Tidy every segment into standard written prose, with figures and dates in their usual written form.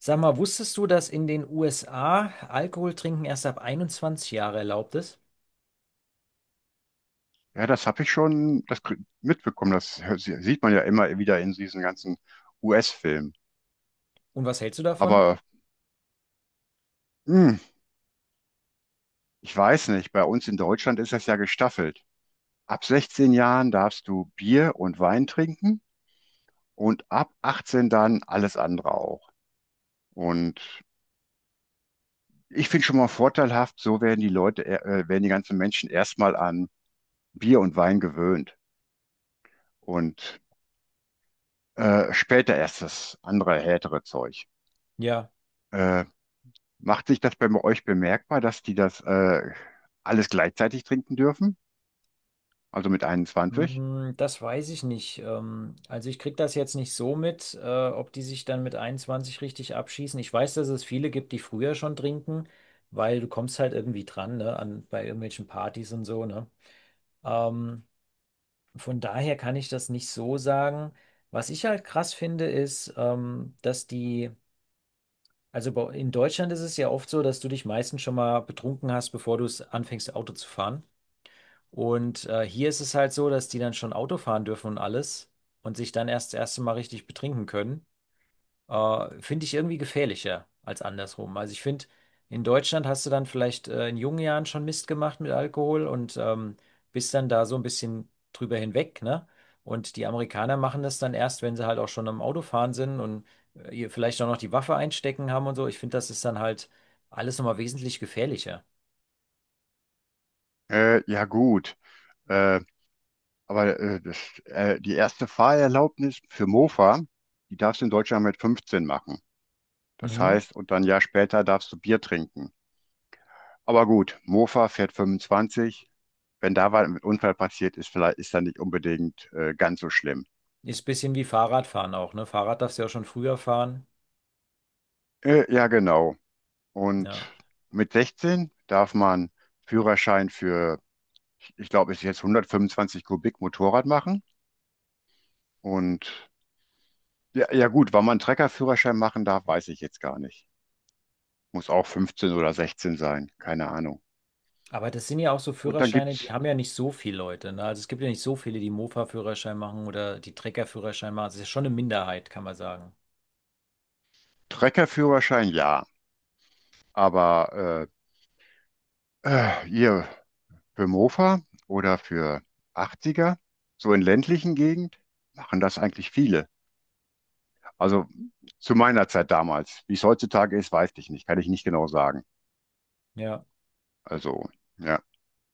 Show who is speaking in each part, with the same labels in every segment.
Speaker 1: Sag mal, wusstest du, dass in den USA Alkohol trinken erst ab 21 Jahre erlaubt ist?
Speaker 2: Ja, das habe ich schon mitbekommen. Sieht man ja immer wieder in diesen ganzen US-Filmen.
Speaker 1: Und was hältst du davon?
Speaker 2: Aber hm, ich weiß nicht, bei uns in Deutschland ist das ja gestaffelt. Ab 16 Jahren darfst du Bier und Wein trinken und ab 18 dann alles andere auch. Und ich finde schon mal vorteilhaft, so werden werden die ganzen Menschen erstmal an Bier und Wein gewöhnt und später erst das andere härtere Zeug.
Speaker 1: Ja,
Speaker 2: Äh, Macht sich das bei euch bemerkbar, dass die das alles gleichzeitig trinken dürfen? Also mit 21?
Speaker 1: Das weiß ich nicht. Also ich krieg das jetzt nicht so mit, ob die sich dann mit 21 richtig abschießen. Ich weiß, dass es viele gibt, die früher schon trinken, weil du kommst halt irgendwie dran, ne, an, bei irgendwelchen Partys und so, ne? Ähm, von daher kann ich das nicht so sagen. Was ich halt krass finde, ist, dass die Also bei, in Deutschland ist es ja oft so, dass du dich meistens schon mal betrunken hast, bevor du es anfängst, Auto zu fahren. Und hier ist es halt so, dass die dann schon Auto fahren dürfen und alles und sich dann erst das erste Mal richtig betrinken können. Finde ich irgendwie gefährlicher als andersrum. Also ich finde, in Deutschland hast du dann vielleicht in jungen Jahren schon Mist gemacht mit Alkohol und bist dann da so ein bisschen drüber hinweg, ne? Und die Amerikaner machen das dann erst, wenn sie halt auch schon am Autofahren sind und ihr vielleicht auch noch die Waffe einstecken haben und so. Ich finde, das ist dann halt alles nochmal wesentlich gefährlicher.
Speaker 2: Ja gut, äh, aber die erste Fahrerlaubnis für Mofa, die darfst du in Deutschland mit 15 machen. Das
Speaker 1: Mhm.
Speaker 2: heißt, und dann ein Jahr später darfst du Bier trinken. Aber gut, Mofa fährt 25. Wenn da was mit Unfall passiert ist, vielleicht ist dann nicht unbedingt ganz so schlimm.
Speaker 1: Ist ein bisschen wie Fahrradfahren auch, ne? Fahrrad darfst du ja auch schon früher fahren.
Speaker 2: Ja genau.
Speaker 1: Ja.
Speaker 2: Und mit 16 darf man Führerschein für, ich glaube, ich jetzt 125 Kubik Motorrad machen. Und ja, ja gut, wann man einen Treckerführerschein machen darf, weiß ich jetzt gar nicht. Muss auch 15 oder 16 sein, keine Ahnung.
Speaker 1: Aber das sind ja auch so
Speaker 2: Und dann
Speaker 1: Führerscheine, die
Speaker 2: gibt's
Speaker 1: haben ja nicht so viele Leute. Ne? Also es gibt ja nicht so viele, die Mofa-Führerschein machen oder die Trecker-Führerschein machen. Das ist ja schon eine Minderheit, kann man sagen.
Speaker 2: Treckerführerschein, ja. Aber hier für Mofa oder für 80er, so in ländlichen Gegend, machen das eigentlich viele. Also zu meiner Zeit damals. Wie es heutzutage ist, weiß ich nicht. Kann ich nicht genau sagen.
Speaker 1: Ja.
Speaker 2: Also, ja.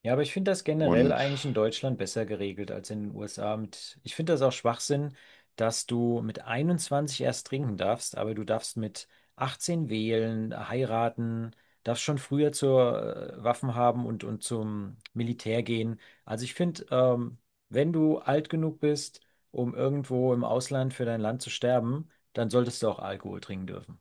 Speaker 1: Ja, aber ich finde das generell
Speaker 2: Und
Speaker 1: eigentlich in Deutschland besser geregelt als in den USA. Mit, ich finde das auch Schwachsinn, dass du mit 21 erst trinken darfst, aber du darfst mit 18 wählen, heiraten, darfst schon früher zur Waffen haben und zum Militär gehen. Also ich finde, wenn du alt genug bist, um irgendwo im Ausland für dein Land zu sterben, dann solltest du auch Alkohol trinken dürfen.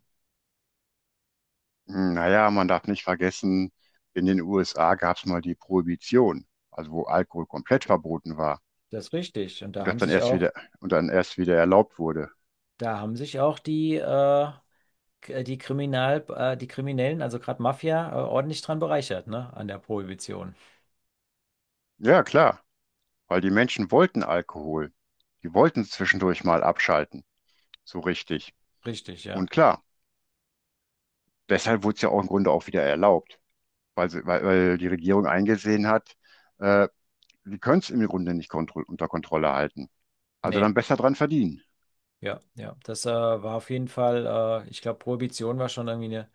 Speaker 2: naja, man darf nicht vergessen, in den USA gab es mal die Prohibition, also wo Alkohol komplett verboten war
Speaker 1: Das ist richtig. Und
Speaker 2: und
Speaker 1: da
Speaker 2: das
Speaker 1: haben
Speaker 2: dann
Speaker 1: sich
Speaker 2: erst
Speaker 1: auch,
Speaker 2: wieder und dann erst wieder erlaubt wurde.
Speaker 1: da haben sich auch die die Kriminellen, also gerade Mafia, ordentlich dran bereichert, ne? An der Prohibition.
Speaker 2: Ja, klar, weil die Menschen wollten Alkohol. Die wollten zwischendurch mal abschalten, so richtig.
Speaker 1: Richtig, ja.
Speaker 2: Und klar, deshalb wurde es ja auch im Grunde auch wieder erlaubt, weil die Regierung eingesehen hat, äh, die können es im Grunde nicht kontro unter Kontrolle halten. Also dann
Speaker 1: Nee,
Speaker 2: besser dran verdienen.
Speaker 1: ja, ja. Das war auf jeden Fall, ich glaube, Prohibition war schon irgendwie eine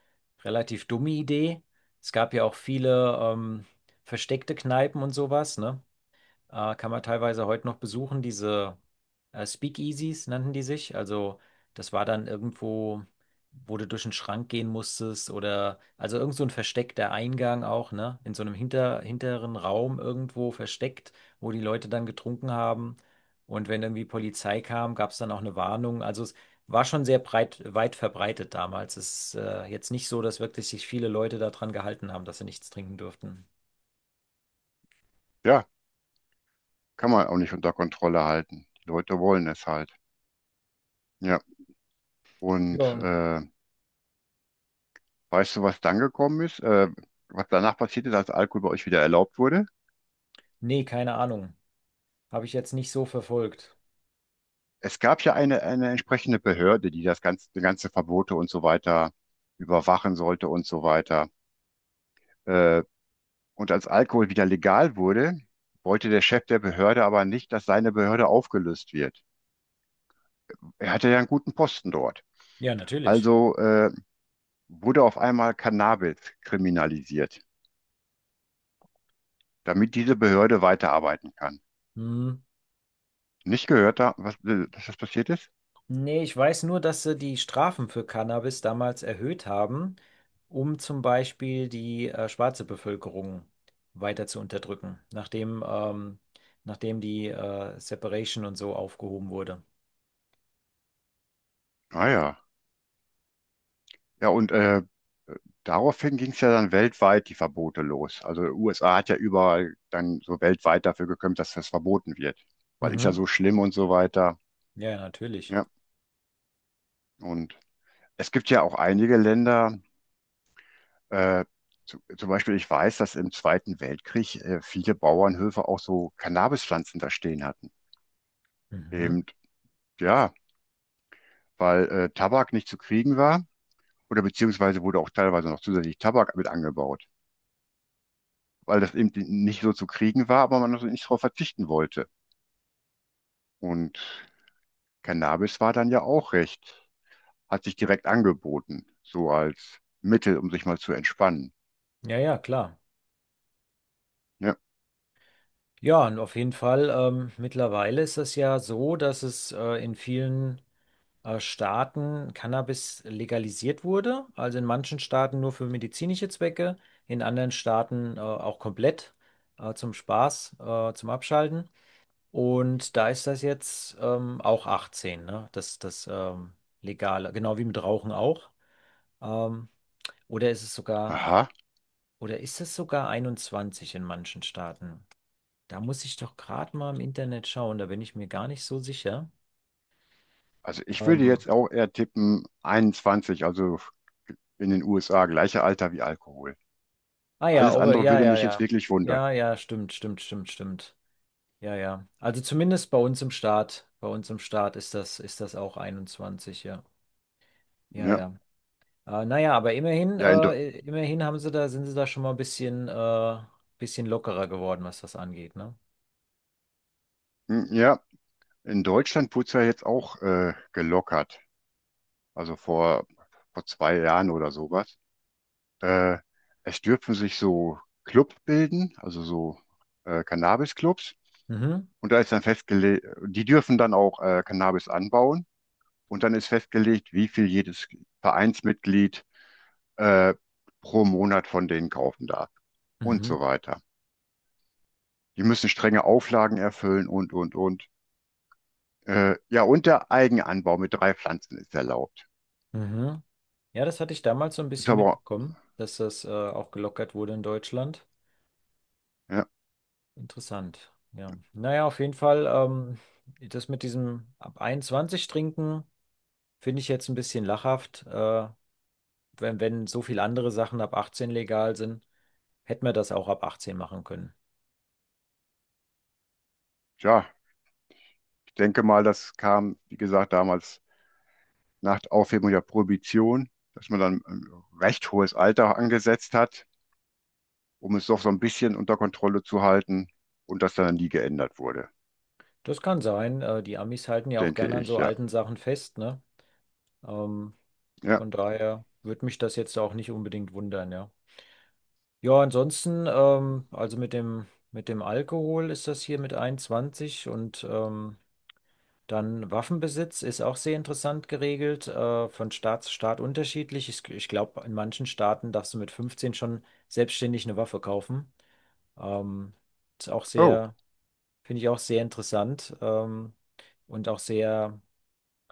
Speaker 1: relativ dumme Idee. Es gab ja auch viele versteckte Kneipen und sowas, ne? Kann man teilweise heute noch besuchen. Diese Speakeasies nannten die sich. Also das war dann irgendwo, wo du durch einen Schrank gehen musstest oder also irgend so ein versteckter Eingang auch, ne? In so einem hinteren Raum irgendwo versteckt, wo die Leute dann getrunken haben. Und wenn irgendwie Polizei kam, gab es dann auch eine Warnung. Also es war schon sehr weit verbreitet damals. Es ist jetzt nicht so, dass wirklich sich viele Leute daran gehalten haben, dass sie nichts trinken durften.
Speaker 2: Ja, kann man auch nicht unter Kontrolle halten. Die Leute wollen es halt. Ja. Und
Speaker 1: Ja,
Speaker 2: weißt du, was dann gekommen ist? Was danach passiert ist, als Alkohol bei euch wieder erlaubt wurde?
Speaker 1: nee, keine Ahnung. Habe ich jetzt nicht so verfolgt.
Speaker 2: Es gab ja eine entsprechende Behörde, die die ganze Verbote und so weiter überwachen sollte und so weiter. Äh, und als Alkohol wieder legal wurde, wollte der Chef der Behörde aber nicht, dass seine Behörde aufgelöst wird. Er hatte ja einen guten Posten dort.
Speaker 1: Ja, natürlich.
Speaker 2: Also wurde auf einmal Cannabis kriminalisiert, damit diese Behörde weiterarbeiten kann.
Speaker 1: Hm.
Speaker 2: Nicht gehört, dass das passiert ist?
Speaker 1: Nee, ich weiß nur, dass sie die Strafen für Cannabis damals erhöht haben, um zum Beispiel die schwarze Bevölkerung weiter zu unterdrücken, nachdem die Separation und so aufgehoben wurde.
Speaker 2: Ah ja. Ja, und daraufhin ging es ja dann weltweit die Verbote los. Also USA hat ja überall dann so weltweit dafür gekämpft, dass das verboten wird, weil ist ja
Speaker 1: Mhm.
Speaker 2: so schlimm und so weiter.
Speaker 1: Ja, ja, natürlich.
Speaker 2: Ja, und es gibt ja auch einige Länder, äh, zum Beispiel ich weiß, dass im Zweiten Weltkrieg viele Bauernhöfe auch so Cannabispflanzen da stehen hatten.
Speaker 1: Mhm.
Speaker 2: Eben, ja, weil Tabak nicht zu kriegen war oder beziehungsweise wurde auch teilweise noch zusätzlich Tabak mit angebaut, weil das eben nicht so zu kriegen war, aber man also nicht darauf verzichten wollte. Und Cannabis war dann ja auch recht, hat sich direkt angeboten, so als Mittel, um sich mal zu entspannen.
Speaker 1: Ja, ja, klar.
Speaker 2: Ja.
Speaker 1: Ja, und auf jeden Fall, mittlerweile ist es ja so, dass es in vielen Staaten Cannabis legalisiert wurde. Also in manchen Staaten nur für medizinische Zwecke, in anderen Staaten auch komplett zum Spaß, zum Abschalten. Und da ist das jetzt auch 18, ne? Das Legale, genau wie mit Rauchen auch. Ähm, oder ist es sogar,
Speaker 2: Aha,
Speaker 1: oder ist es sogar 21 in manchen Staaten? Da muss ich doch gerade mal im Internet schauen, da bin ich mir gar nicht so sicher.
Speaker 2: also ich würde
Speaker 1: Ähm,
Speaker 2: jetzt auch eher tippen 21, also in den USA, gleiche Alter wie Alkohol.
Speaker 1: Ah ja,
Speaker 2: Alles
Speaker 1: Over,
Speaker 2: andere
Speaker 1: ja,
Speaker 2: würde
Speaker 1: ja,
Speaker 2: mich jetzt
Speaker 1: ja.
Speaker 2: wirklich wundern.
Speaker 1: Ja, ja, stimmt, stimmt, stimmt, stimmt. Ja, ja. Also zumindest bei uns im Staat ist das auch 21. Ja. Ja,
Speaker 2: Ja,
Speaker 1: ja. Naja, aber immerhin,
Speaker 2: ja,
Speaker 1: äh, immerhin haben sind sie da schon mal ein bisschen lockerer geworden, was das angeht, ne?
Speaker 2: hm, ja, in Deutschland wurde es ja jetzt auch gelockert, also vor 2 Jahren oder sowas. Äh, es dürfen sich so Club bilden, also so Cannabis-Clubs.
Speaker 1: Mhm.
Speaker 2: Und da ist dann festgelegt, die dürfen dann auch Cannabis anbauen. Und dann ist festgelegt, wie viel jedes Vereinsmitglied äh, pro Monat von denen kaufen darf. Und so
Speaker 1: Mhm.
Speaker 2: weiter. Die müssen strenge Auflagen erfüllen und, und. Ja, und der Eigenanbau mit drei Pflanzen ist erlaubt.
Speaker 1: Mhm. Ja, das hatte ich damals so ein
Speaker 2: Ist
Speaker 1: bisschen
Speaker 2: aber,
Speaker 1: mitbekommen, dass das, auch gelockert wurde in Deutschland.
Speaker 2: ja,
Speaker 1: Interessant. Ja. Naja, auf jeden Fall, das mit diesem ab 21 trinken. Finde ich jetzt ein bisschen lachhaft. Wenn so viele andere Sachen ab 18 legal sind, hätten wir das auch ab 18 machen können.
Speaker 2: tja, ich denke mal, das kam, wie gesagt, damals nach Aufhebung der Prohibition, dass man dann ein recht hohes Alter angesetzt hat, um es doch so ein bisschen unter Kontrolle zu halten und das dann nie geändert wurde,
Speaker 1: Das kann sein. Die Amis halten ja auch
Speaker 2: denke
Speaker 1: gerne an
Speaker 2: ich,
Speaker 1: so
Speaker 2: ja.
Speaker 1: alten Sachen fest, ne? Ähm,
Speaker 2: Ja,
Speaker 1: von daher würde mich das jetzt auch nicht unbedingt wundern, ja. Ja, ansonsten, also mit dem, Alkohol ist das hier mit 21 und dann Waffenbesitz ist auch sehr interessant geregelt, von Staat zu Staat unterschiedlich. Ich glaube, in manchen Staaten darfst du mit 15 schon selbstständig eine Waffe kaufen. Ähm, ist auch
Speaker 2: oh,
Speaker 1: sehr, finde ich auch sehr interessant, und auch sehr,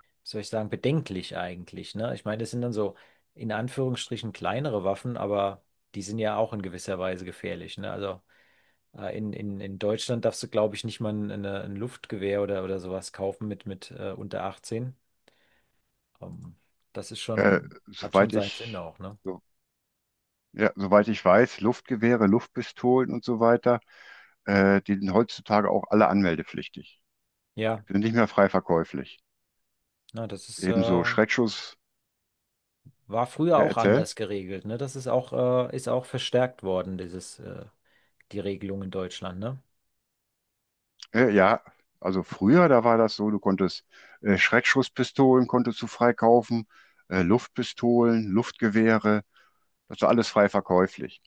Speaker 1: wie soll ich sagen, bedenklich eigentlich, ne? Ich meine, das sind dann so in Anführungsstrichen kleinere Waffen, aber die sind ja auch in gewisser Weise gefährlich, ne? Also in Deutschland darfst du, glaube ich, nicht mal ein Luftgewehr oder sowas kaufen mit unter 18. Ähm, das ist
Speaker 2: äh,
Speaker 1: schon, hat schon
Speaker 2: soweit
Speaker 1: seinen Sinn
Speaker 2: ich,
Speaker 1: auch, ne?
Speaker 2: so, ja, soweit ich weiß, Luftgewehre, Luftpistolen und so weiter, die sind heutzutage auch alle anmeldepflichtig,
Speaker 1: Ja,
Speaker 2: sind nicht mehr frei verkäuflich.
Speaker 1: na,
Speaker 2: Ebenso Schreckschuss,
Speaker 1: war früher
Speaker 2: ja,
Speaker 1: auch
Speaker 2: erzähl.
Speaker 1: anders geregelt, ne? Das ist auch verstärkt worden, die Regelung in Deutschland, ne?
Speaker 2: Ja, also früher, da war das so, du konntest Schreckschusspistolen konntest du freikaufen, Luftpistolen, Luftgewehre, das war alles frei verkäuflich.